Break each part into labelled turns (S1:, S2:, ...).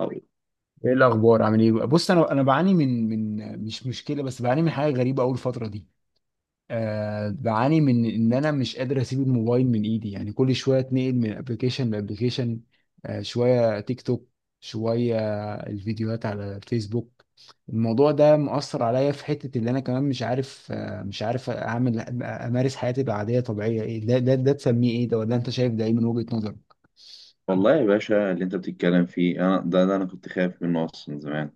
S1: أو-
S2: ايه الاخبار؟ عامل ايه؟ بص، انا بعاني من، مش مشكله، بس بعاني من حاجه غريبه اول فتره دي. بعاني من ان انا مش قادر اسيب الموبايل من ايدي، يعني كل شويه اتنقل من ابلكيشن لابلكيشن، شويه تيك توك، شويه الفيديوهات على الفيسبوك. الموضوع ده مؤثر عليا في حته اللي انا كمان مش عارف، مش عارف اعمل، امارس حياتي العاديه طبيعيه. ايه ده تسميه ايه؟ ده ولا انت شايف ده ايه من وجهه نظرك؟
S1: والله يا باشا اللي انت بتتكلم فيه انا ده انا كنت خايف منه اصلا من زمان.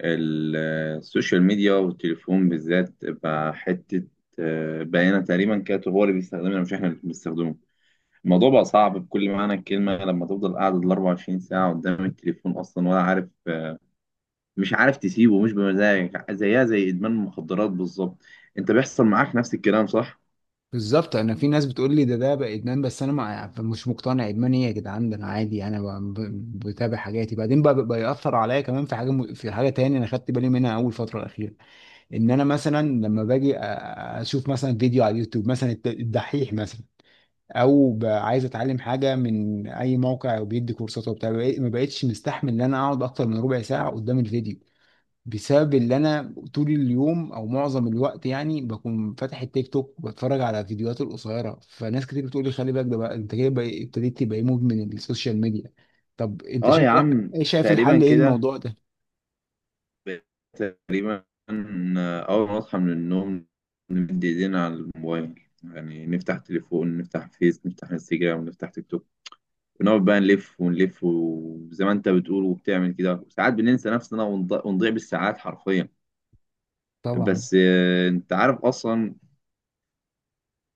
S1: ال- السوشيال ميديا والتليفون بالذات بقى حته. بقينا تقريبا كاتب هو اللي بيستخدمنا مش احنا اللي بنستخدمه. الموضوع بقى صعب بكل معنى الكلمه لما تفضل قاعد ال 24 ساعه قدام التليفون اصلا ولا عارف، مش عارف تسيبه، مش بمزاجك، زيها زي ادمان المخدرات بالظبط. انت بيحصل معاك نفس الكلام صح؟
S2: بالظبط. انا في ناس بتقول لي ده، بقى ادمان، بس انا ما يعني مش مقتنع. ادمان ايه يا جدعان؟ ده انا عادي، انا بتابع حاجاتي. بعدين بقى ياثر عليا كمان في حاجه، في حاجه تاني انا خدت بالي منها اول فتره الاخيره. ان انا مثلا لما باجي اشوف مثلا فيديو على اليوتيوب، مثلا الدحيح مثلا، او عايز اتعلم حاجه من اي موقع وبيدي كورسات وبتاع، ما بقتش مستحمل ان انا اقعد اكتر من ربع ساعه قدام الفيديو، بسبب اللي انا طول اليوم او معظم الوقت يعني بكون فاتح التيك توك وبتفرج على فيديوهات القصيره. فناس كتير بتقول لي خلي بالك، ده بقى انت كده ابتديت تبقى إيه، مدمن السوشيال ميديا. طب انت
S1: اه يا
S2: شايف ايه؟
S1: عم.
S2: إيه؟ شايف
S1: تقريبا
S2: الحل ايه
S1: كده.
S2: الموضوع ده؟
S1: تقريبا. أول ما أصحى من النوم نمد إيدينا على الموبايل، يعني نفتح تليفون، نفتح فيس، نفتح انستجرام، نفتح تيك توك، ونقعد بقى نلف ونلف، وزي ما أنت بتقول وبتعمل كده، وساعات بننسى نفسنا ونضيع بالساعات حرفيا.
S2: طبعا.
S1: بس أنت عارف أصلا.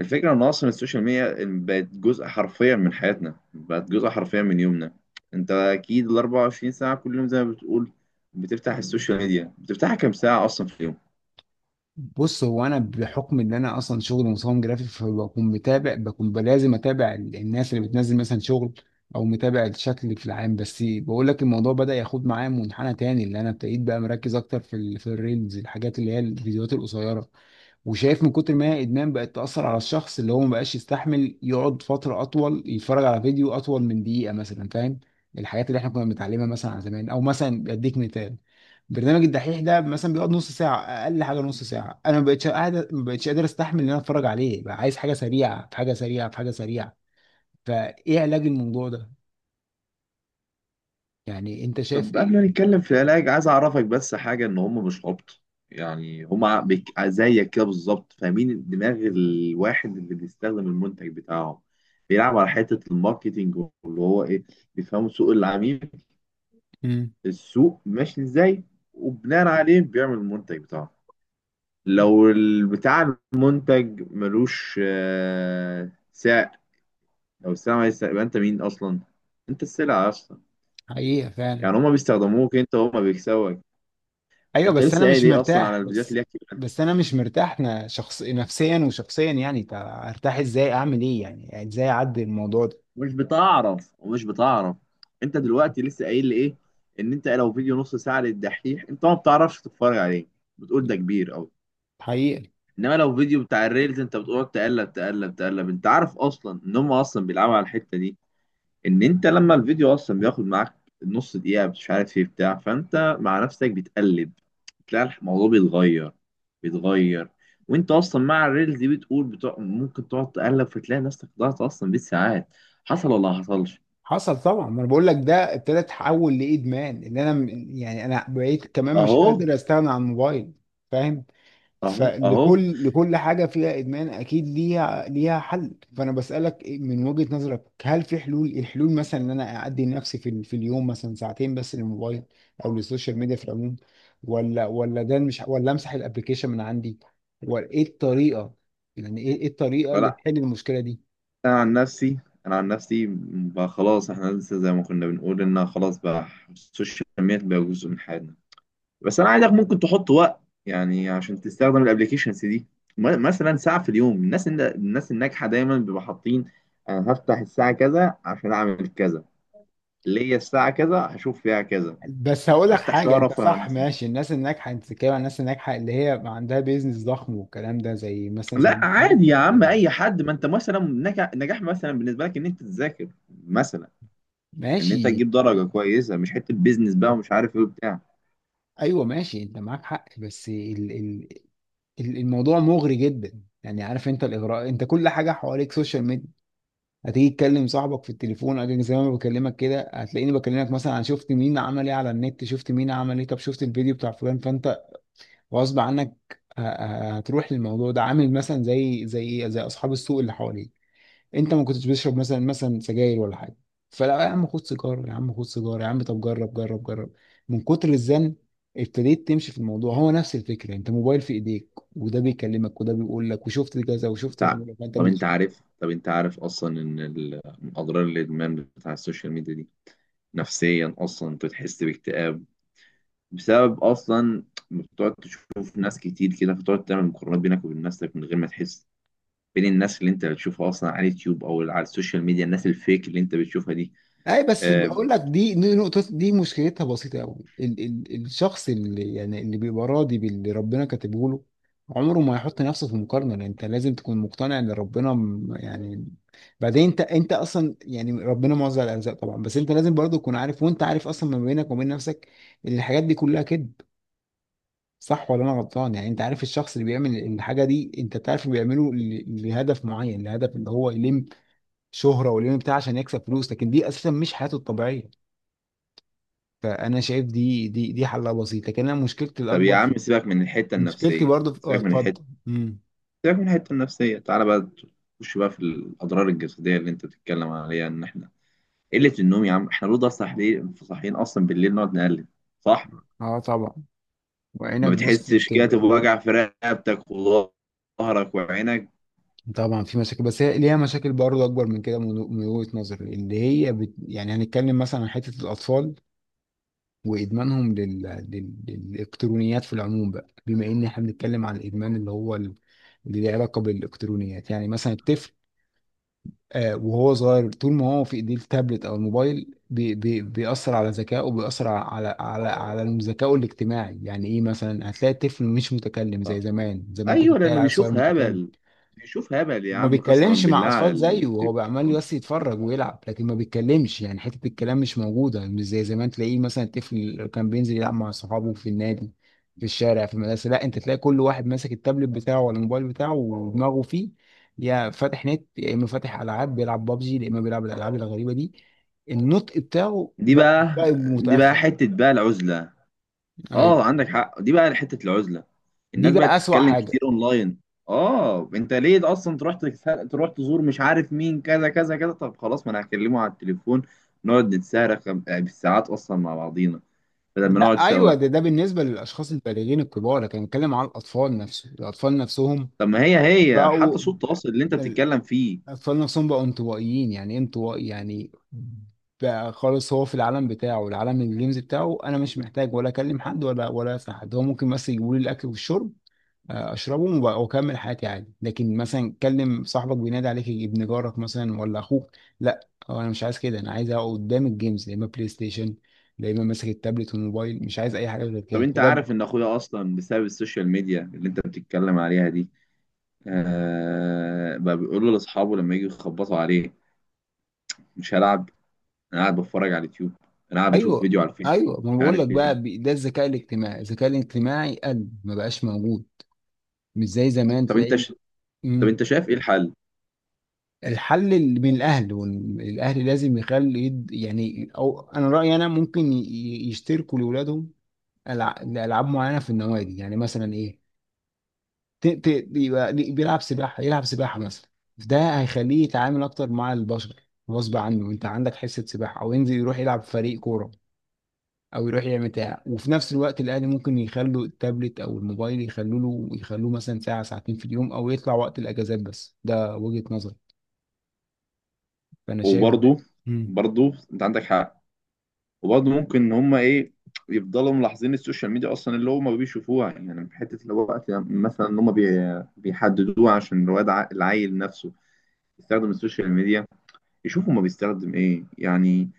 S1: الفكرة إن أصلا السوشيال ميديا بقت جزء حرفيا من حياتنا، بقت جزء حرفيا من يومنا. أنت أكيد ال 24 ساعة كل يوم زي ما بتقول بتفتح السوشيال ميديا، بتفتحها كام ساعة أصلا في اليوم؟
S2: بص، هو انا بحكم ان انا اصلا شغل مصمم جرافيك، فبكون متابع، بكون لازم اتابع الناس اللي بتنزل مثلا شغل، او متابع الشكل في العام. بس بقول لك الموضوع بدأ ياخد معايا منحنى تاني، اللي انا ابتديت بقى مركز اكتر في في الريلز، الحاجات اللي هي الفيديوهات القصيره. وشايف من كتر ما هي ادمان بقت تاثر على الشخص اللي هو ما بقاش يستحمل يقعد فتره اطول يتفرج على فيديو اطول من دقيقه مثلا، فاهم؟ الحاجات اللي احنا كنا بنتعلمها مثلا على زمان، او مثلا اديك مثال، برنامج الدحيح ده مثلا بيقعد نص ساعه، اقل حاجه نص ساعه. انا ما بقتش قاعد، ما بقتش قادر استحمل ان انا اتفرج عليه، بقى عايز حاجه سريعه، في حاجه سريعه، في حاجه سريعه. فايه علاج الموضوع ده؟ يعني انت شايف
S1: طب قبل
S2: ايه؟
S1: ما نتكلم في العلاج عايز اعرفك بس حاجه، ان هم مش عبط. يعني هم زيك كده بالظبط، فاهمين دماغ الواحد اللي بيستخدم المنتج بتاعهم. بيلعب على حته الماركتينج، واللي هو ايه، بيفهموا سوق العميل،
S2: مم.
S1: السوق ماشي ازاي، وبناء عليه بيعمل المنتج بتاعه. لو بتاع المنتج ملوش سعر، لو السلعه مالهاش سعر يبقى انت مين اصلا؟ انت السلعه اصلا.
S2: حقيقه فعلا.
S1: يعني هما بيستخدموك انت وهما بيكسبوا.
S2: ايوه
S1: انت
S2: بس
S1: لسه
S2: انا مش
S1: قايل ايه اصلا على
S2: مرتاح.
S1: الفيديوهات
S2: بس
S1: اللي هي كتير منها.
S2: بس انا مش مرتاح، شخص، نفسيا وشخصيا يعني. طب ارتاح ازاي؟ اعمل ايه يعني؟ يعني ازاي اعدي الموضوع ده؟
S1: مش بتعرف ومش بتعرف. انت دلوقتي لسه قايل لي ايه؟ ان انت لو فيديو نص ساعه للدحيح انت ما بتعرفش تتفرج عليه، بتقول ده كبير قوي.
S2: حقيقي.
S1: انما لو فيديو بتاع الريلز انت بتقعد تقلب تقلب تقلب. انت عارف اصلا ان هم اصلا بيلعبوا على الحته دي، ان انت لما الفيديو اصلا بياخد معاك نص دقيقه مش عارف ايه بتاع، فانت مع نفسك بتقلب، تلاقي الموضوع بيتغير، بيتغير. وانت اصلا مع الريلز دي بتقول بتوع ممكن تقعد تقلب، فتلاقي نفسك ضاعت اصلا بالساعات. حصل ولا ما حصلش؟
S2: حصل طبعا، ما انا بقول لك ده ابتدى يتحول لادمان، ان انا يعني انا بقيت كمان مش
S1: اهو.
S2: قادر استغنى عن الموبايل. فاهم.
S1: اهو. اهو.
S2: لكل حاجة فيها إدمان أكيد ليها حل، فأنا بسألك من وجهة نظرك، هل في حلول؟ الحلول مثلا إن أنا أعدي نفسي في اليوم مثلا ساعتين بس للموبايل أو للسوشيال ميديا في العموم، ولا ده مش، ولا أمسح الأبليكيشن من عندي، ولا إيه الطريقة؟ يعني إيه الطريقة اللي
S1: فلا،
S2: تحل المشكلة دي؟
S1: انا عن نفسي، انا عن نفسي بقى خلاص، احنا لسه زي ما كنا بنقول ان خلاص بقى السوشيال ميديا بقى جزء من حياتنا. بس انا عايزك ممكن تحط وقت، يعني عشان تستخدم الابلكيشنز دي. مثلا ساعه في اليوم. الناس الناجحه دايما بيبقى حاطين، انا هفتح الساعه كذا عشان اعمل كذا، ليا الساعه كذا هشوف فيها كذا،
S2: بس هقول لك
S1: هفتح شويه
S2: حاجة، أنت
S1: ارفه عن
S2: صح
S1: نفسي.
S2: ماشي، الناس الناجحة، أنت بتتكلم عن الناس الناجحة اللي هي عندها بيزنس ضخم والكلام ده، زي مثلا زي
S1: لا
S2: المشاهير
S1: عادي يا
S2: الكبيرة
S1: عم
S2: يعني.
S1: اي حد، ما انت مثلا نجاح، نجاح مثلا بالنسبه لك ان انت تذاكر مثلا، ان انت
S2: ماشي.
S1: تجيب درجه كويسه، مش حته بيزنس بقى ومش عارف ايه وبتاع.
S2: ايوه ماشي، انت معاك حق، بس الموضوع مغري جدا يعني. عارف انت الاغراء؟ انت كل حاجه حواليك سوشيال ميديا. هتيجي تكلم صاحبك في التليفون، أجي زي ما أنا بكلمك كده، هتلاقيني بكلمك مثلا عن شفت مين عمل ايه على النت، شفت مين عمل ايه، طب شفت الفيديو بتاع فلان. فانت غصب عنك هتروح للموضوع ده، عامل مثلا زي اصحاب السوق اللي حواليك. انت ما كنتش بتشرب مثلا، سجاير ولا حاجه، فلا يا عم، خد سيجاره يا عم، خد سيجاره يا عم، طب جرب جرب جرب. من كتر الزن ابتديت تمشي في الموضوع. هو نفس الفكره، انت موبايل في ايديك، وده بيكلمك، وده بيقول لك وشفت كذا وشفت
S1: انت ع-
S2: وعمل فانت.
S1: طب انت عارف، طب انت عارف اصلا ان من اضرار الادمان بتاع السوشيال ميديا دي، نفسيا اصلا انت تحس باكتئاب، بسبب اصلا إنك بتقعد تشوف ناس كتير كده، فتقعد تعمل مقارنات بينك وبين نفسك من غير ما تحس، بين الناس اللي انت بتشوفها اصلا على اليوتيوب او على السوشيال ميديا، الناس الفيك اللي انت بتشوفها دي.
S2: اي، بس
S1: آه.
S2: بقول لك، دي نقطة، دي مشكلتها بسيطة قوي. ال ال الشخص اللي يعني اللي بيبقى راضي باللي ربنا كاتبه له عمره ما يحط نفسه في مقارنة. لأن انت لازم تكون مقتنع ان ربنا يعني. بعدين انت، اصلا يعني ربنا موزع الارزاق طبعا، بس انت لازم برضه تكون عارف، وانت عارف اصلا ما بينك وبين نفسك، ان الحاجات دي كلها كذب. صح ولا انا غلطان؟ يعني انت عارف الشخص اللي بيعمل الحاجة دي، انت بتعرف بيعمله لهدف معين، لهدف ان هو يلم شهرة ويلم بتاع عشان يكسب فلوس، لكن دي اساسا مش حياته الطبيعية. فانا شايف دي حلها بسيط، لكن انا مشكلتي
S1: طب يا
S2: الاكبر
S1: عم
S2: في،
S1: سيبك من الحته
S2: مشكلتي
S1: النفسيه،
S2: برضو في، اه
S1: سيبك من الحته،
S2: اتفضل.
S1: سيبك من الحته النفسيه، تعالى بقى تخش بقى في الاضرار الجسديه اللي انت بتتكلم عليها، ان احنا قله النوم يا عم، احنا لو ده صاحيين، صاحيين اصلا بالليل نقعد نقلب، صح؟
S2: اه طبعا.
S1: ما
S2: وعينك بص
S1: بتحسش
S2: بتبقى.
S1: كده بوجع في رقبتك وظهرك وعينك؟
S2: طبعا في مشاكل، بس هي ليها مشاكل برضو اكبر من كده، من وجهة نظري، اللي هي يعني هنتكلم مثلا عن حتة الاطفال وادمانهم للالكترونيات في العموم، بقى بما ان احنا بنتكلم عن الادمان اللي هو اللي له علاقة بالالكترونيات. يعني مثلا الطفل، وهو صغير طول ما هو في ايديه التابلت او الموبايل، بي بي بيأثر على ذكائه، وبيأثر على ذكائه الاجتماعي. يعني ايه؟ مثلا هتلاقي الطفل مش متكلم زي
S1: آه.
S2: زمان. زمان كنت
S1: ايوه
S2: تلاقي
S1: لانه
S2: العيل الصغير
S1: بيشوف
S2: متكلم،
S1: هبل. بيشوف هبل يا
S2: ما
S1: عم قسما
S2: بيتكلمش مع
S1: بالله على
S2: اطفال زيه، هو بقى عمال
S1: التلفزيون.
S2: بس يتفرج ويلعب لكن ما بيتكلمش. يعني حته الكلام مش موجوده، مش زي زمان تلاقيه مثلا، الطفل اللي كان بينزل يلعب مع صحابه في النادي، في الشارع، في المدرسه. لا، انت تلاقي كل واحد ماسك التابلت بتاعه ولا الموبايل بتاعه ودماغه فيه، يا فاتح نت، يا اما فاتح العاب بيلعب بابجي، يا اما بيلعب الالعاب الغريبه دي. النطق بتاعه
S1: دي
S2: بقى،
S1: بقى، دي بقى
S2: متاخر.
S1: حته بقى العزله.
S2: ايوه،
S1: اه عندك حق، دي بقى حته العزله.
S2: دي
S1: الناس
S2: بقى
S1: بقت
S2: اسوأ
S1: تتكلم
S2: حاجه.
S1: كتير اونلاين. اه انت ليه اصلا تروح تروح تزور مش عارف مين كذا كذا كذا؟ طب خلاص ما انا هكلمه على التليفون، نقعد نتسارخ بالساعات اصلا مع بعضينا بدل ما نقعد
S2: لا
S1: سوا.
S2: ايوه، ده بالنسبه للاشخاص البالغين الكبار، لكن بنتكلم على الاطفال نفسه، الاطفال نفسهم
S1: طب ما هي، هي
S2: بقوا
S1: حتى صوت التواصل اللي انت بتتكلم فيه.
S2: الأطفال نفسهم بقوا انطوائيين. يعني إيه انطوائي؟ يعني بقى خالص، هو في العالم بتاعه، العالم الجيمز بتاعه. أنا مش محتاج ولا أكلم حد، ولا أسأل حد، هو ممكن بس يجيبوا لي الأكل والشرب، أشربهم وأكمل حياتي عادي. لكن مثلا كلم صاحبك، بينادي عليك ابن جارك مثلا ولا أخوك، لا، هو أنا مش عايز كده، أنا عايز أقعد قدام الجيمز، يا إما بلاي ستيشن يا إما ماسك التابلت والموبايل، مش عايز أي حاجة غير
S1: طب
S2: كده.
S1: انت
S2: فده
S1: عارف ان اخويا اصلا بسبب السوشيال ميديا اللي انت بتتكلم عليها دي، آه بقى بيقول له لاصحابه لما يجوا يخبطوا عليه: مش هلعب، انا قاعد بتفرج على اليوتيوب، انا قاعد بشوف
S2: ايوه.
S1: فيديو على الفيس،
S2: ايوه، ما أنا
S1: مش
S2: بقول لك
S1: عارف
S2: بقى
S1: ايه.
S2: ده الذكاء الاجتماعي، الذكاء الاجتماعي قل، ما بقاش موجود، مش زي زمان
S1: طب انت
S2: تلاقي.
S1: ش... طب
S2: مم.
S1: انت شايف ايه الحل؟
S2: الحل اللي من الاهل، والاهل لازم يخلي يعني، او انا رايي انا ممكن يشتركوا لاولادهم لالعاب معينه في النوادي، يعني مثلا ايه، يبقى بيلعب سباحه، يلعب سباحه مثلا. ده هيخليه يتعامل اكتر مع البشر، غصب عنه، انت عندك حصه سباحه، او ينزل يروح يلعب في فريق كوره، او يروح يعمل بتاع. وفي نفس الوقت الاهل ممكن يخلوا التابلت او الموبايل، يخلوا له، يخلوه مثلا ساعه ساعتين في اليوم، او يطلع وقت الاجازات بس. ده وجهه نظري، فانا شايف ده.
S1: وبرضه،
S2: مم.
S1: برضه انت عندك حق. وبرضه ممكن ان هم ايه، يفضلوا ملاحظين السوشيال ميديا اصلا اللي هم بيشوفوها، يعني من حته اللي هو وقت مثلا ان بيحددوها عشان الواد العيل نفسه يستخدم السوشيال ميديا، يشوف هما بيستخدم ايه يعني.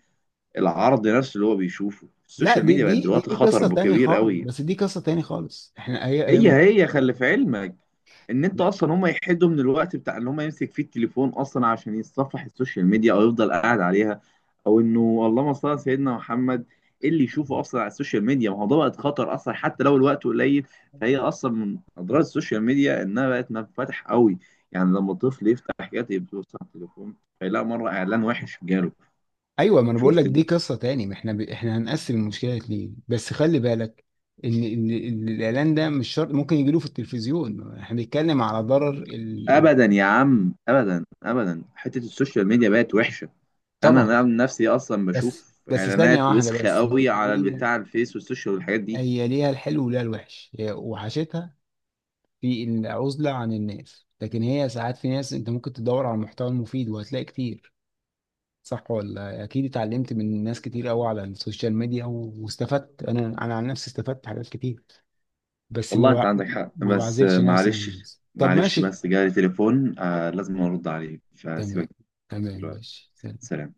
S1: العرض نفسه اللي هو بيشوفه
S2: لا،
S1: السوشيال
S2: دي
S1: ميديا بقت دلوقتي
S2: قصه
S1: خطر
S2: تاني
S1: كبير
S2: خالص،
S1: قوي.
S2: بس دي قصه تاني خالص، احنا هي
S1: هي هي خلي في علمك ان انت اصلا هم يحدوا من الوقت بتاع ان هم يمسك فيه التليفون اصلا عشان يتصفح السوشيال ميديا او يفضل قاعد عليها، او انه اللهم صل على سيدنا محمد إيه اللي يشوفه اصلا على السوشيال ميديا. ما هو ده بقت خطر اصلا حتى لو الوقت قليل، فهي اصلا من اضرار السوشيال ميديا انها بقت منفتح قوي. يعني لما الطفل يفتح حاجات يبص على التليفون فيلاقي مره اعلان وحش جاله.
S2: ايوه، ما انا بقول لك
S1: شفت
S2: دي
S1: انت؟
S2: قصه تاني. ما احنا احنا هنقسم المشكله ليه؟ بس خلي بالك إن الاعلان ده مش شرط، ممكن يجي له في التلفزيون. احنا بنتكلم على ضرر
S1: ابدا يا عم، ابدا ابدا، حته السوشيال ميديا بقت وحشه. انا
S2: طبعا.
S1: أنا من نفسي اصلا
S2: بس
S1: بشوف
S2: ثانيه
S1: اعلانات
S2: واحده
S1: وسخه
S2: بس.
S1: قوي على
S2: هي
S1: البتاع الفيس والسوشيال والحاجات دي.
S2: هي ليها الحلو وليها الوحش، هي وحشتها في العزلة عن الناس، لكن هي ساعات في ناس انت ممكن تدور على المحتوى المفيد وهتلاقي كتير. صح ولا؟ اكيد اتعلمت من ناس كتير قوي على السوشيال ميديا واستفدت، انا عن نفسي استفدت حاجات كتير، بس
S1: والله انت عندك حق،
S2: ما
S1: بس
S2: بعزلش نفسي عن
S1: معلش،
S2: الناس. طب
S1: معلش
S2: ماشي.
S1: بس جالي تليفون آه لازم ارد عليه
S2: تمام.
S1: فسيبك
S2: تمام
S1: دلوقتي.
S2: ماشي. سلام.
S1: سلام